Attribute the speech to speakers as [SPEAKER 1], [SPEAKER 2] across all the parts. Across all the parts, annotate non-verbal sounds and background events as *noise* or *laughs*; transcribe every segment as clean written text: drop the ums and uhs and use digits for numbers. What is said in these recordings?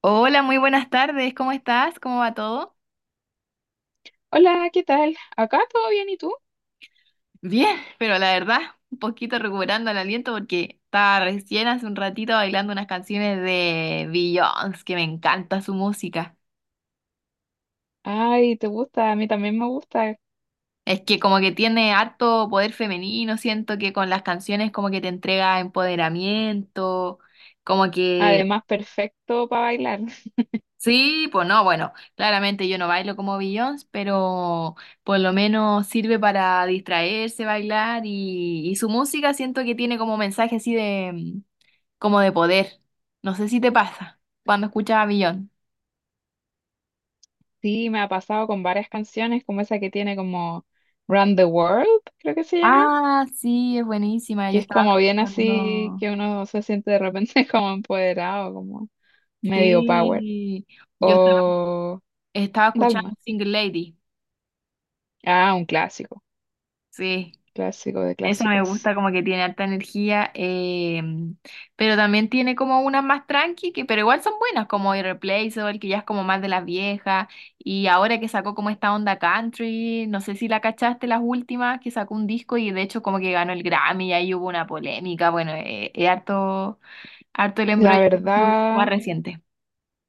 [SPEAKER 1] Hola, muy buenas tardes. ¿Cómo estás? ¿Cómo va todo?
[SPEAKER 2] Hola, ¿qué tal? Acá todo bien, ¿y tú?
[SPEAKER 1] Bien, *laughs* pero la verdad, un poquito recuperando el aliento porque estaba recién hace un ratito bailando unas canciones de Beyoncé, que me encanta su música.
[SPEAKER 2] Ay, ¿te gusta? A mí también me gusta.
[SPEAKER 1] Es que como que tiene harto poder femenino, siento que con las canciones como que te entrega empoderamiento, como que.
[SPEAKER 2] Además, perfecto para bailar. *laughs*
[SPEAKER 1] Sí, pues no, bueno, claramente yo no bailo como Beyoncé, pero por lo menos sirve para distraerse, bailar y su música siento que tiene como mensaje así de como de poder. No sé si te pasa cuando escuchas a Beyoncé.
[SPEAKER 2] Sí, me ha pasado con varias canciones, como esa que tiene como Run the World, creo que se llama,
[SPEAKER 1] Ah, sí, es buenísima.
[SPEAKER 2] que
[SPEAKER 1] Yo
[SPEAKER 2] es
[SPEAKER 1] estaba
[SPEAKER 2] como bien así
[SPEAKER 1] escuchando,
[SPEAKER 2] que uno se siente de repente *laughs* como empoderado, como medio power.
[SPEAKER 1] sí, yo estaba,
[SPEAKER 2] O
[SPEAKER 1] estaba escuchando
[SPEAKER 2] Dalma.
[SPEAKER 1] Single Lady,
[SPEAKER 2] Ah, un clásico,
[SPEAKER 1] sí.
[SPEAKER 2] clásico de
[SPEAKER 1] Esa me
[SPEAKER 2] clásicos.
[SPEAKER 1] gusta, como que tiene alta energía, pero también tiene como unas más tranqui, que, pero igual son buenas, como Irreplaceable, que ya es como más de las viejas, y ahora que sacó como esta onda country, no sé si la cachaste las últimas, que sacó un disco y de hecho como que ganó el Grammy, y ahí hubo una polémica, bueno, es harto, harto el
[SPEAKER 2] La
[SPEAKER 1] embrollo con su disco más
[SPEAKER 2] verdad,
[SPEAKER 1] reciente.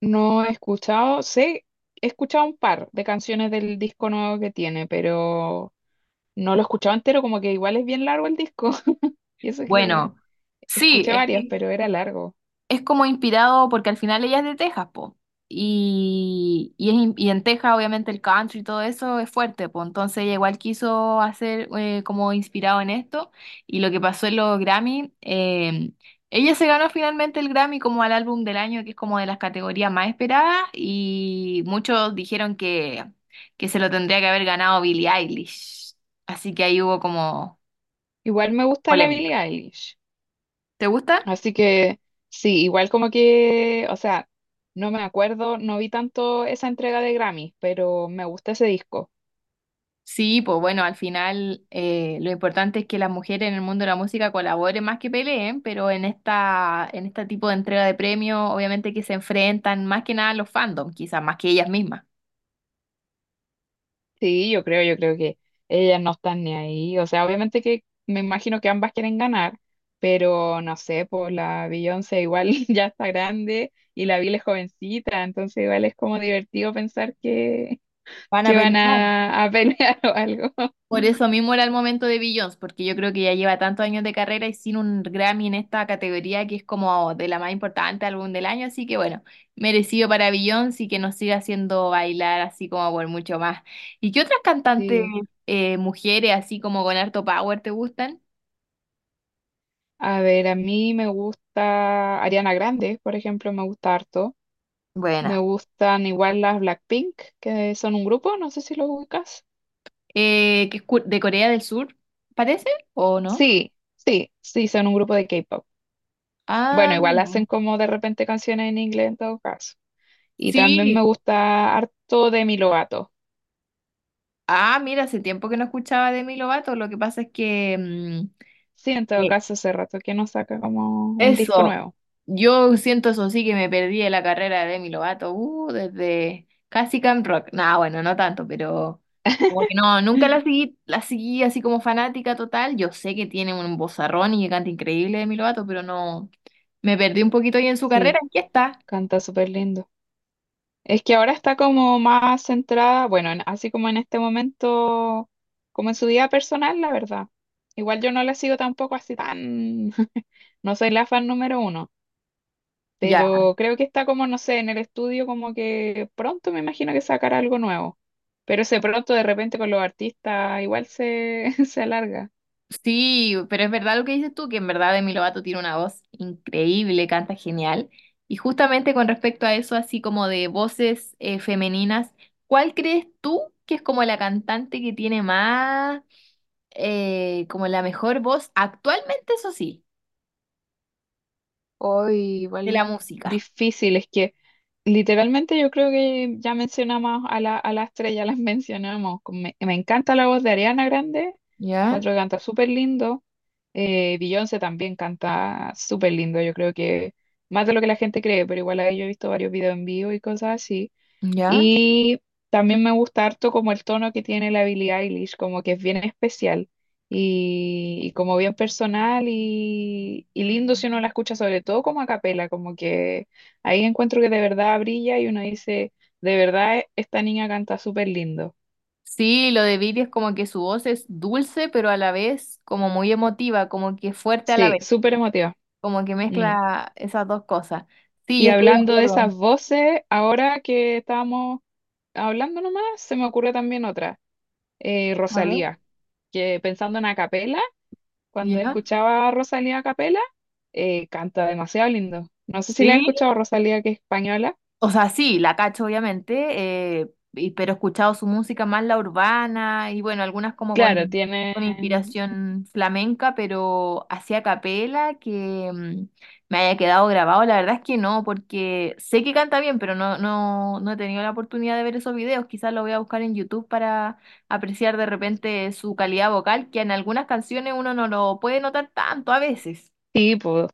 [SPEAKER 2] no he escuchado, sé, he escuchado un par de canciones del disco nuevo que tiene, pero no lo escuchaba entero, como que igual es bien largo el disco. *laughs* Y eso que
[SPEAKER 1] Bueno, sí,
[SPEAKER 2] escuché
[SPEAKER 1] es
[SPEAKER 2] varias,
[SPEAKER 1] que...
[SPEAKER 2] pero era largo.
[SPEAKER 1] es como inspirado porque al final ella es de Texas, po. Y es in- y en Texas obviamente el country y todo eso es fuerte, po. Entonces ella igual quiso hacer como inspirado en esto y lo que pasó en los Grammy, ella se ganó finalmente el Grammy como al álbum del año, que es como de las categorías más esperadas y muchos dijeron que se lo tendría que haber ganado Billie Eilish. Así que ahí hubo como
[SPEAKER 2] Igual me gusta la
[SPEAKER 1] polémica.
[SPEAKER 2] Billie Eilish.
[SPEAKER 1] ¿Te gusta?
[SPEAKER 2] Así que sí, igual como que, o sea, no me acuerdo, no vi tanto esa entrega de Grammy, pero me gusta ese disco.
[SPEAKER 1] Sí, pues bueno, al final lo importante es que las mujeres en el mundo de la música colaboren más que peleen, pero en este tipo de entrega de premios, obviamente que se enfrentan más que nada los fandom, quizás más que ellas mismas.
[SPEAKER 2] Sí, yo creo que ellas no están ni ahí. O sea, obviamente que me imagino que ambas quieren ganar, pero no sé, pues la Beyoncé igual *laughs* ya está grande y la Billie es jovencita, entonces igual es como divertido pensar que
[SPEAKER 1] Van a
[SPEAKER 2] que van
[SPEAKER 1] pelear.
[SPEAKER 2] a, a pelear *laughs* o algo.
[SPEAKER 1] Por eso mismo era el momento de Beyoncé, porque yo creo que ya lleva tantos años de carrera y sin un Grammy en esta categoría que es como de la más importante álbum del año, así que bueno, merecido para Beyoncé y que nos siga haciendo bailar así como por mucho más. ¿Y qué otras cantantes
[SPEAKER 2] Sí.
[SPEAKER 1] mujeres así como con harto power te gustan?
[SPEAKER 2] A ver, a mí me gusta Ariana Grande, por ejemplo, me gusta harto. Me
[SPEAKER 1] Buena.
[SPEAKER 2] gustan igual las Blackpink, que son un grupo, no sé si lo ubicas.
[SPEAKER 1] ¿Que es cu- de Corea del Sur, parece? ¿O no?
[SPEAKER 2] Sí, sí, sí, son un grupo de K-pop. Bueno,
[SPEAKER 1] Ah,
[SPEAKER 2] igual
[SPEAKER 1] mira.
[SPEAKER 2] hacen como de repente canciones en inglés en todo caso. Y también me
[SPEAKER 1] Sí.
[SPEAKER 2] gusta harto Demi Lovato.
[SPEAKER 1] Ah, mira, hace tiempo que no escuchaba de Demi Lovato. Lo que pasa es que
[SPEAKER 2] Sí, en todo
[SPEAKER 1] eh,
[SPEAKER 2] caso, hace rato que no saca como un disco
[SPEAKER 1] eso,
[SPEAKER 2] nuevo.
[SPEAKER 1] yo siento eso sí que me perdí de la carrera de Demi Lovato, desde casi Camp Rock. Nah, bueno, no tanto, pero como que no, nunca la
[SPEAKER 2] *laughs*
[SPEAKER 1] seguí, la seguí así como fanática total. Yo sé que tiene un vozarrón y que canta increíble Demi Lovato, pero no, me perdí un poquito ahí en su carrera.
[SPEAKER 2] Sí,
[SPEAKER 1] Aquí está.
[SPEAKER 2] canta súper lindo. Es que ahora está como más centrada, bueno, en- así como en este momento, como en su vida personal, la verdad. Igual yo no la sigo tampoco así tan, *laughs* no soy la fan número uno,
[SPEAKER 1] Ya.
[SPEAKER 2] pero creo que está como, no sé, en el estudio como que pronto me imagino que sacará algo nuevo. Pero ese pronto de repente con los artistas igual se, *laughs* se alarga.
[SPEAKER 1] Sí, pero es verdad lo que dices tú, que en verdad Demi Lovato tiene una voz increíble, canta genial. Y justamente con respecto a eso, así como de voces femeninas, ¿cuál crees tú que es como la cantante que tiene más, como la mejor voz actualmente, eso sí,
[SPEAKER 2] Hoy
[SPEAKER 1] de la
[SPEAKER 2] igual
[SPEAKER 1] música?
[SPEAKER 2] difícil, es que literalmente yo creo que ya mencionamos a la estrella, *laughs* las mencionamos. Me encanta la voz de Ariana Grande.
[SPEAKER 1] ¿Ya?
[SPEAKER 2] Encuentro que canta súper lindo. Beyoncé también canta súper lindo. Yo creo que más de lo que la gente cree, pero igual ahí yo he visto varios videos en vivo y cosas así.
[SPEAKER 1] ¿Ya?
[SPEAKER 2] Y también me gusta harto como el tono que tiene la Billie Eilish, como que es bien especial y como bien personal y lindo si uno la escucha, sobre todo como a capela, como que ahí encuentro que de verdad brilla y uno dice, de verdad esta niña canta súper lindo.
[SPEAKER 1] Sí, lo de Viri es como que su voz es dulce, pero a la vez como muy emotiva, como que fuerte a la
[SPEAKER 2] Sí,
[SPEAKER 1] vez,
[SPEAKER 2] súper emotiva.
[SPEAKER 1] como que
[SPEAKER 2] Mm.
[SPEAKER 1] mezcla esas dos cosas. Sí,
[SPEAKER 2] Y
[SPEAKER 1] yo estoy de
[SPEAKER 2] hablando de
[SPEAKER 1] acuerdo.
[SPEAKER 2] esas voces, ahora que estábamos hablando nomás, se me ocurre también otra,
[SPEAKER 1] A ver.
[SPEAKER 2] Rosalía, que pensando en a capela, cuando
[SPEAKER 1] ¿Ya?
[SPEAKER 2] escuchaba a Rosalía a capela, canta demasiado lindo. No sé si la he
[SPEAKER 1] Sí.
[SPEAKER 2] escuchado Rosalía, que es española.
[SPEAKER 1] O sea, sí, la cacho, obviamente, pero he escuchado su música más la urbana y bueno, algunas como
[SPEAKER 2] Claro, tiene,
[SPEAKER 1] con inspiración flamenca, pero así a capela que me haya quedado grabado, la verdad es que no, porque sé que canta bien, pero no, no, no he tenido la oportunidad de ver esos videos. Quizás lo voy a buscar en YouTube para apreciar de repente su calidad vocal, que en algunas canciones uno no lo puede notar tanto a veces.
[SPEAKER 2] sí, pues,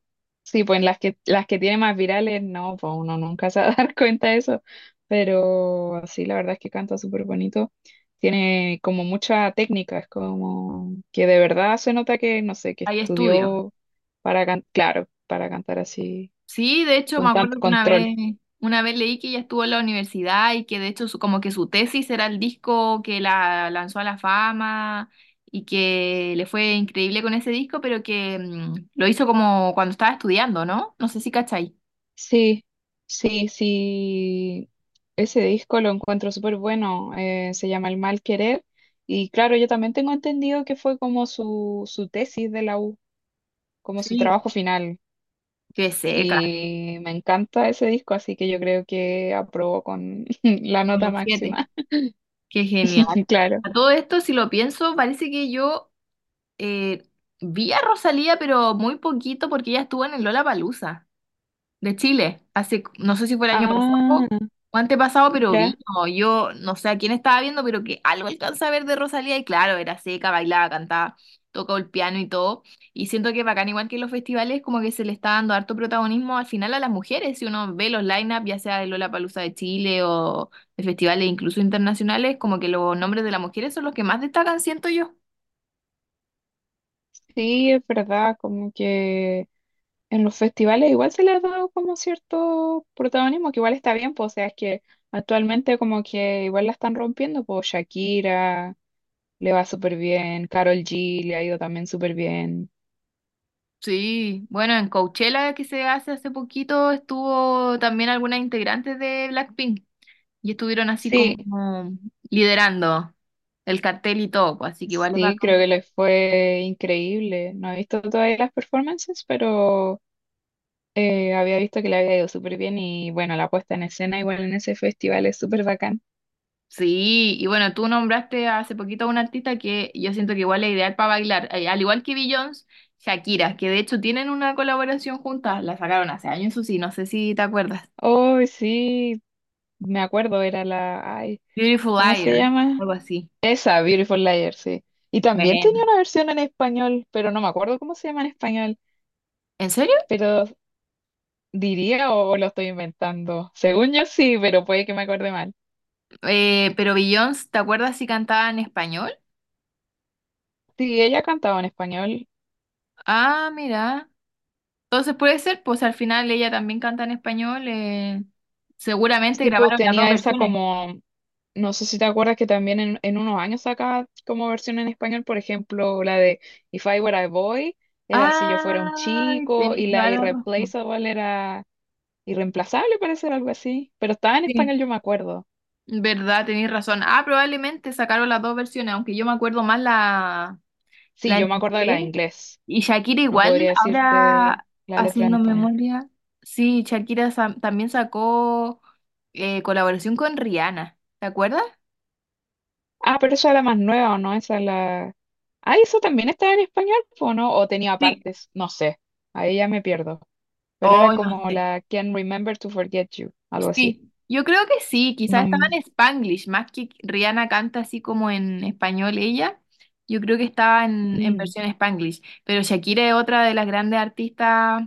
[SPEAKER 2] sí, pues en las que tiene más virales, no, pues uno nunca *laughs* se va a dar *laughs* cuenta de eso. Pero sí, la verdad es que canta súper bonito. Tiene como mucha técnica, es como que de verdad se nota que, no sé, que
[SPEAKER 1] Hay estudios.
[SPEAKER 2] estudió para cantar, claro, para cantar así,
[SPEAKER 1] Sí, de hecho me
[SPEAKER 2] con tanto
[SPEAKER 1] acuerdo que
[SPEAKER 2] control.
[SPEAKER 1] una vez leí que ella estuvo en la universidad y que de hecho su- como que su tesis era el disco que la lanzó a la fama y que le fue increíble con ese disco, pero que lo hizo como cuando estaba estudiando, ¿no? No sé si cachai.
[SPEAKER 2] Sí, sí, sí. Ese disco lo encuentro súper bueno. Se llama El Mal Querer. Y claro, yo también tengo entendido que fue como su tesis de la U, como su
[SPEAKER 1] Sí.
[SPEAKER 2] trabajo final.
[SPEAKER 1] Qué seca,
[SPEAKER 2] Y me encanta ese disco, así que yo creo que aprobó con *laughs* la nota
[SPEAKER 1] como 7.
[SPEAKER 2] máxima.
[SPEAKER 1] Qué genial.
[SPEAKER 2] *laughs* Claro.
[SPEAKER 1] A todo esto, si lo pienso, parece que yo eh, vi a Rosalía, pero muy poquito porque ella estuvo en el Lollapalooza de Chile. Hace, no sé si fue el año
[SPEAKER 2] Ah,
[SPEAKER 1] pasado o antepasado, pero vino.
[SPEAKER 2] mira,
[SPEAKER 1] Yo no sé a quién estaba viendo, pero que algo alcanza a ver de Rosalía y claro, era seca, bailaba, cantaba, tocaba el piano y todo. Y siento que bacán, igual que en los festivales, como que se le está dando harto protagonismo al final a las mujeres. Si uno ve los line-up, ya sea de Lollapalooza de Chile o de festivales incluso internacionales, como que los nombres de las mujeres son los que más destacan, siento yo.
[SPEAKER 2] sí, es verdad, como que en los festivales igual se le ha dado como cierto protagonismo, que igual está bien, pues, o sea, es que actualmente como que igual la están rompiendo, pues Shakira le va súper bien, Karol G le ha ido también súper bien.
[SPEAKER 1] Sí, bueno, en Coachella que se hace hace poquito estuvo también algunas integrantes de Blackpink. Y estuvieron así como
[SPEAKER 2] Sí,
[SPEAKER 1] liderando el cartel y todo, pues, así que igual es
[SPEAKER 2] sí, creo que
[SPEAKER 1] bacán.
[SPEAKER 2] les fue increíble. No he visto todavía las performances, pero había visto que le había ido súper bien y bueno, la puesta en escena igual en ese festival es súper bacán.
[SPEAKER 1] Sí, y bueno, tú nombraste hace poquito a una artista que yo siento que igual es ideal para bailar, al igual que Beyoncé, Shakira, que de hecho tienen una colaboración juntas, la sacaron hace años, eso sí, no sé si te acuerdas.
[SPEAKER 2] Oh, sí, me acuerdo, era la... Ay,
[SPEAKER 1] Beautiful
[SPEAKER 2] ¿cómo se
[SPEAKER 1] Liar,
[SPEAKER 2] llama?
[SPEAKER 1] algo así.
[SPEAKER 2] Esa, Beautiful Liar, sí. Y también tenía
[SPEAKER 1] Bueno.
[SPEAKER 2] una versión en español, pero no me acuerdo cómo se llama en español.
[SPEAKER 1] ¿En serio?
[SPEAKER 2] Pero diría o lo estoy inventando. Según yo sí, pero puede que me acuerde mal.
[SPEAKER 1] Pero Beyoncé, ¿te acuerdas si cantaba en español?
[SPEAKER 2] Sí, ella cantaba en español.
[SPEAKER 1] Ah, mira. Entonces puede ser, pues al final ella también canta en español. Seguramente
[SPEAKER 2] Tipo
[SPEAKER 1] grabaron las dos
[SPEAKER 2] tenía esa
[SPEAKER 1] versiones.
[SPEAKER 2] como, no sé si te acuerdas que también en unos años acá como versión en español, por ejemplo, la de If I Were a Boy era Si yo fuera un
[SPEAKER 1] Ay,
[SPEAKER 2] chico
[SPEAKER 1] tenéis
[SPEAKER 2] y la
[SPEAKER 1] toda la razón.
[SPEAKER 2] Irreplaceable era irreemplazable, parece algo así, pero estaba en
[SPEAKER 1] Sí,
[SPEAKER 2] español, yo me acuerdo.
[SPEAKER 1] verdad, tenéis razón. Ah, probablemente sacaron las dos versiones, aunque yo me acuerdo más
[SPEAKER 2] Sí,
[SPEAKER 1] la en
[SPEAKER 2] yo me acuerdo de la de
[SPEAKER 1] inglés.
[SPEAKER 2] inglés,
[SPEAKER 1] Y Shakira
[SPEAKER 2] no
[SPEAKER 1] igual,
[SPEAKER 2] podría decirte
[SPEAKER 1] ahora
[SPEAKER 2] la letra en
[SPEAKER 1] haciendo
[SPEAKER 2] español.
[SPEAKER 1] memoria. Sí, Shakira sa- también sacó colaboración con Rihanna, ¿te acuerdas?
[SPEAKER 2] Ah, pero esa era más nueva, ¿o no? Esa es la... Ah, ¿eso también estaba en español, o no? ¿O tenía
[SPEAKER 1] Sí.
[SPEAKER 2] partes? No sé, ahí ya me pierdo. Pero era
[SPEAKER 1] Oh, no
[SPEAKER 2] como
[SPEAKER 1] sé.
[SPEAKER 2] la Can't Remember to Forget You, algo así.
[SPEAKER 1] Sí, yo creo que sí, quizás estaba
[SPEAKER 2] No,
[SPEAKER 1] en Spanglish, más que Rihanna canta así como en español ella, yo creo que estaba en
[SPEAKER 2] mm,
[SPEAKER 1] versión Spanglish, pero Shakira es otra de las grandes artistas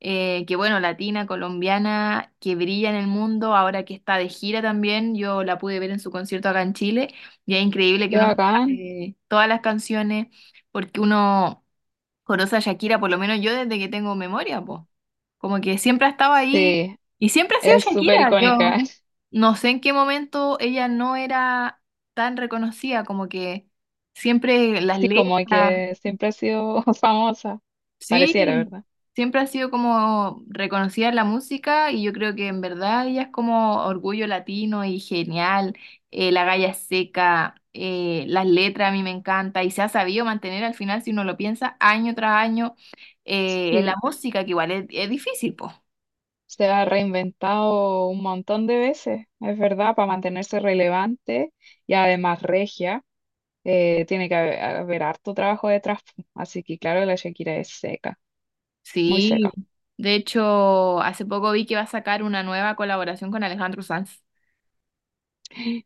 [SPEAKER 1] que bueno, latina, colombiana, que brilla en el mundo, ahora que está de gira también, yo la pude ver en su concierto acá en Chile, y es increíble que
[SPEAKER 2] qué
[SPEAKER 1] uno se
[SPEAKER 2] bacán.
[SPEAKER 1] sabe todas las canciones, porque uno conoce a Shakira, por lo menos yo desde que tengo memoria, pues. Como que siempre ha estado ahí
[SPEAKER 2] Sí,
[SPEAKER 1] y siempre ha sido
[SPEAKER 2] es súper
[SPEAKER 1] Shakira.
[SPEAKER 2] icónica.
[SPEAKER 1] Yo
[SPEAKER 2] *laughs*
[SPEAKER 1] no sé en qué momento ella no era tan reconocida, como que siempre las
[SPEAKER 2] Sí, como
[SPEAKER 1] letras,
[SPEAKER 2] que siempre ha sido *laughs* famosa, pareciera,
[SPEAKER 1] sí,
[SPEAKER 2] ¿verdad?
[SPEAKER 1] siempre ha sido como reconocida en la música y yo creo que en verdad ella es como orgullo latino y genial, la galla es seca, las letras a mí me encanta y se ha sabido mantener al final, si uno lo piensa, año tras año en la
[SPEAKER 2] Sí,
[SPEAKER 1] música, que igual es difícil, pues.
[SPEAKER 2] se ha reinventado un montón de veces, es verdad, para mantenerse relevante y además regia. Tiene que haber harto trabajo detrás, pu, así que claro, la Shakira es seca, muy
[SPEAKER 1] Sí,
[SPEAKER 2] seca.
[SPEAKER 1] de hecho, hace poco vi que va a sacar una nueva colaboración con Alejandro Sanz.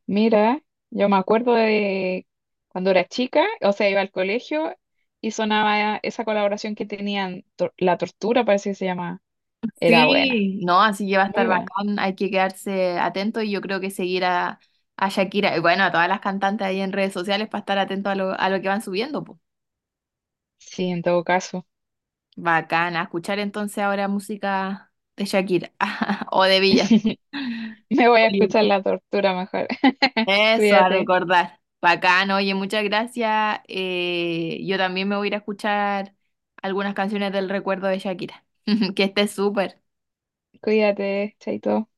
[SPEAKER 2] Mira, yo me acuerdo de cuando era chica, o sea, iba al colegio y sonaba esa colaboración que tenían, Tor- La Tortura parece que se llama, era buena,
[SPEAKER 1] Sí, no, así que va a estar
[SPEAKER 2] muy buena.
[SPEAKER 1] bacán, hay que quedarse atento y yo creo que seguir a Shakira y bueno, a todas las cantantes ahí en redes sociales para estar atento a lo que van subiendo, po.
[SPEAKER 2] Sí, en todo caso,
[SPEAKER 1] Bacán, a escuchar entonces ahora música de Shakira *laughs* o de Villa.
[SPEAKER 2] *laughs* me voy a escuchar La Tortura mejor. *laughs*
[SPEAKER 1] Eso, a
[SPEAKER 2] Cuídate,
[SPEAKER 1] recordar. Bacán, oye, muchas gracias. Yo también me voy a ir a escuchar algunas canciones del recuerdo de Shakira. *laughs* Que esté súper.
[SPEAKER 2] cuídate, chaito.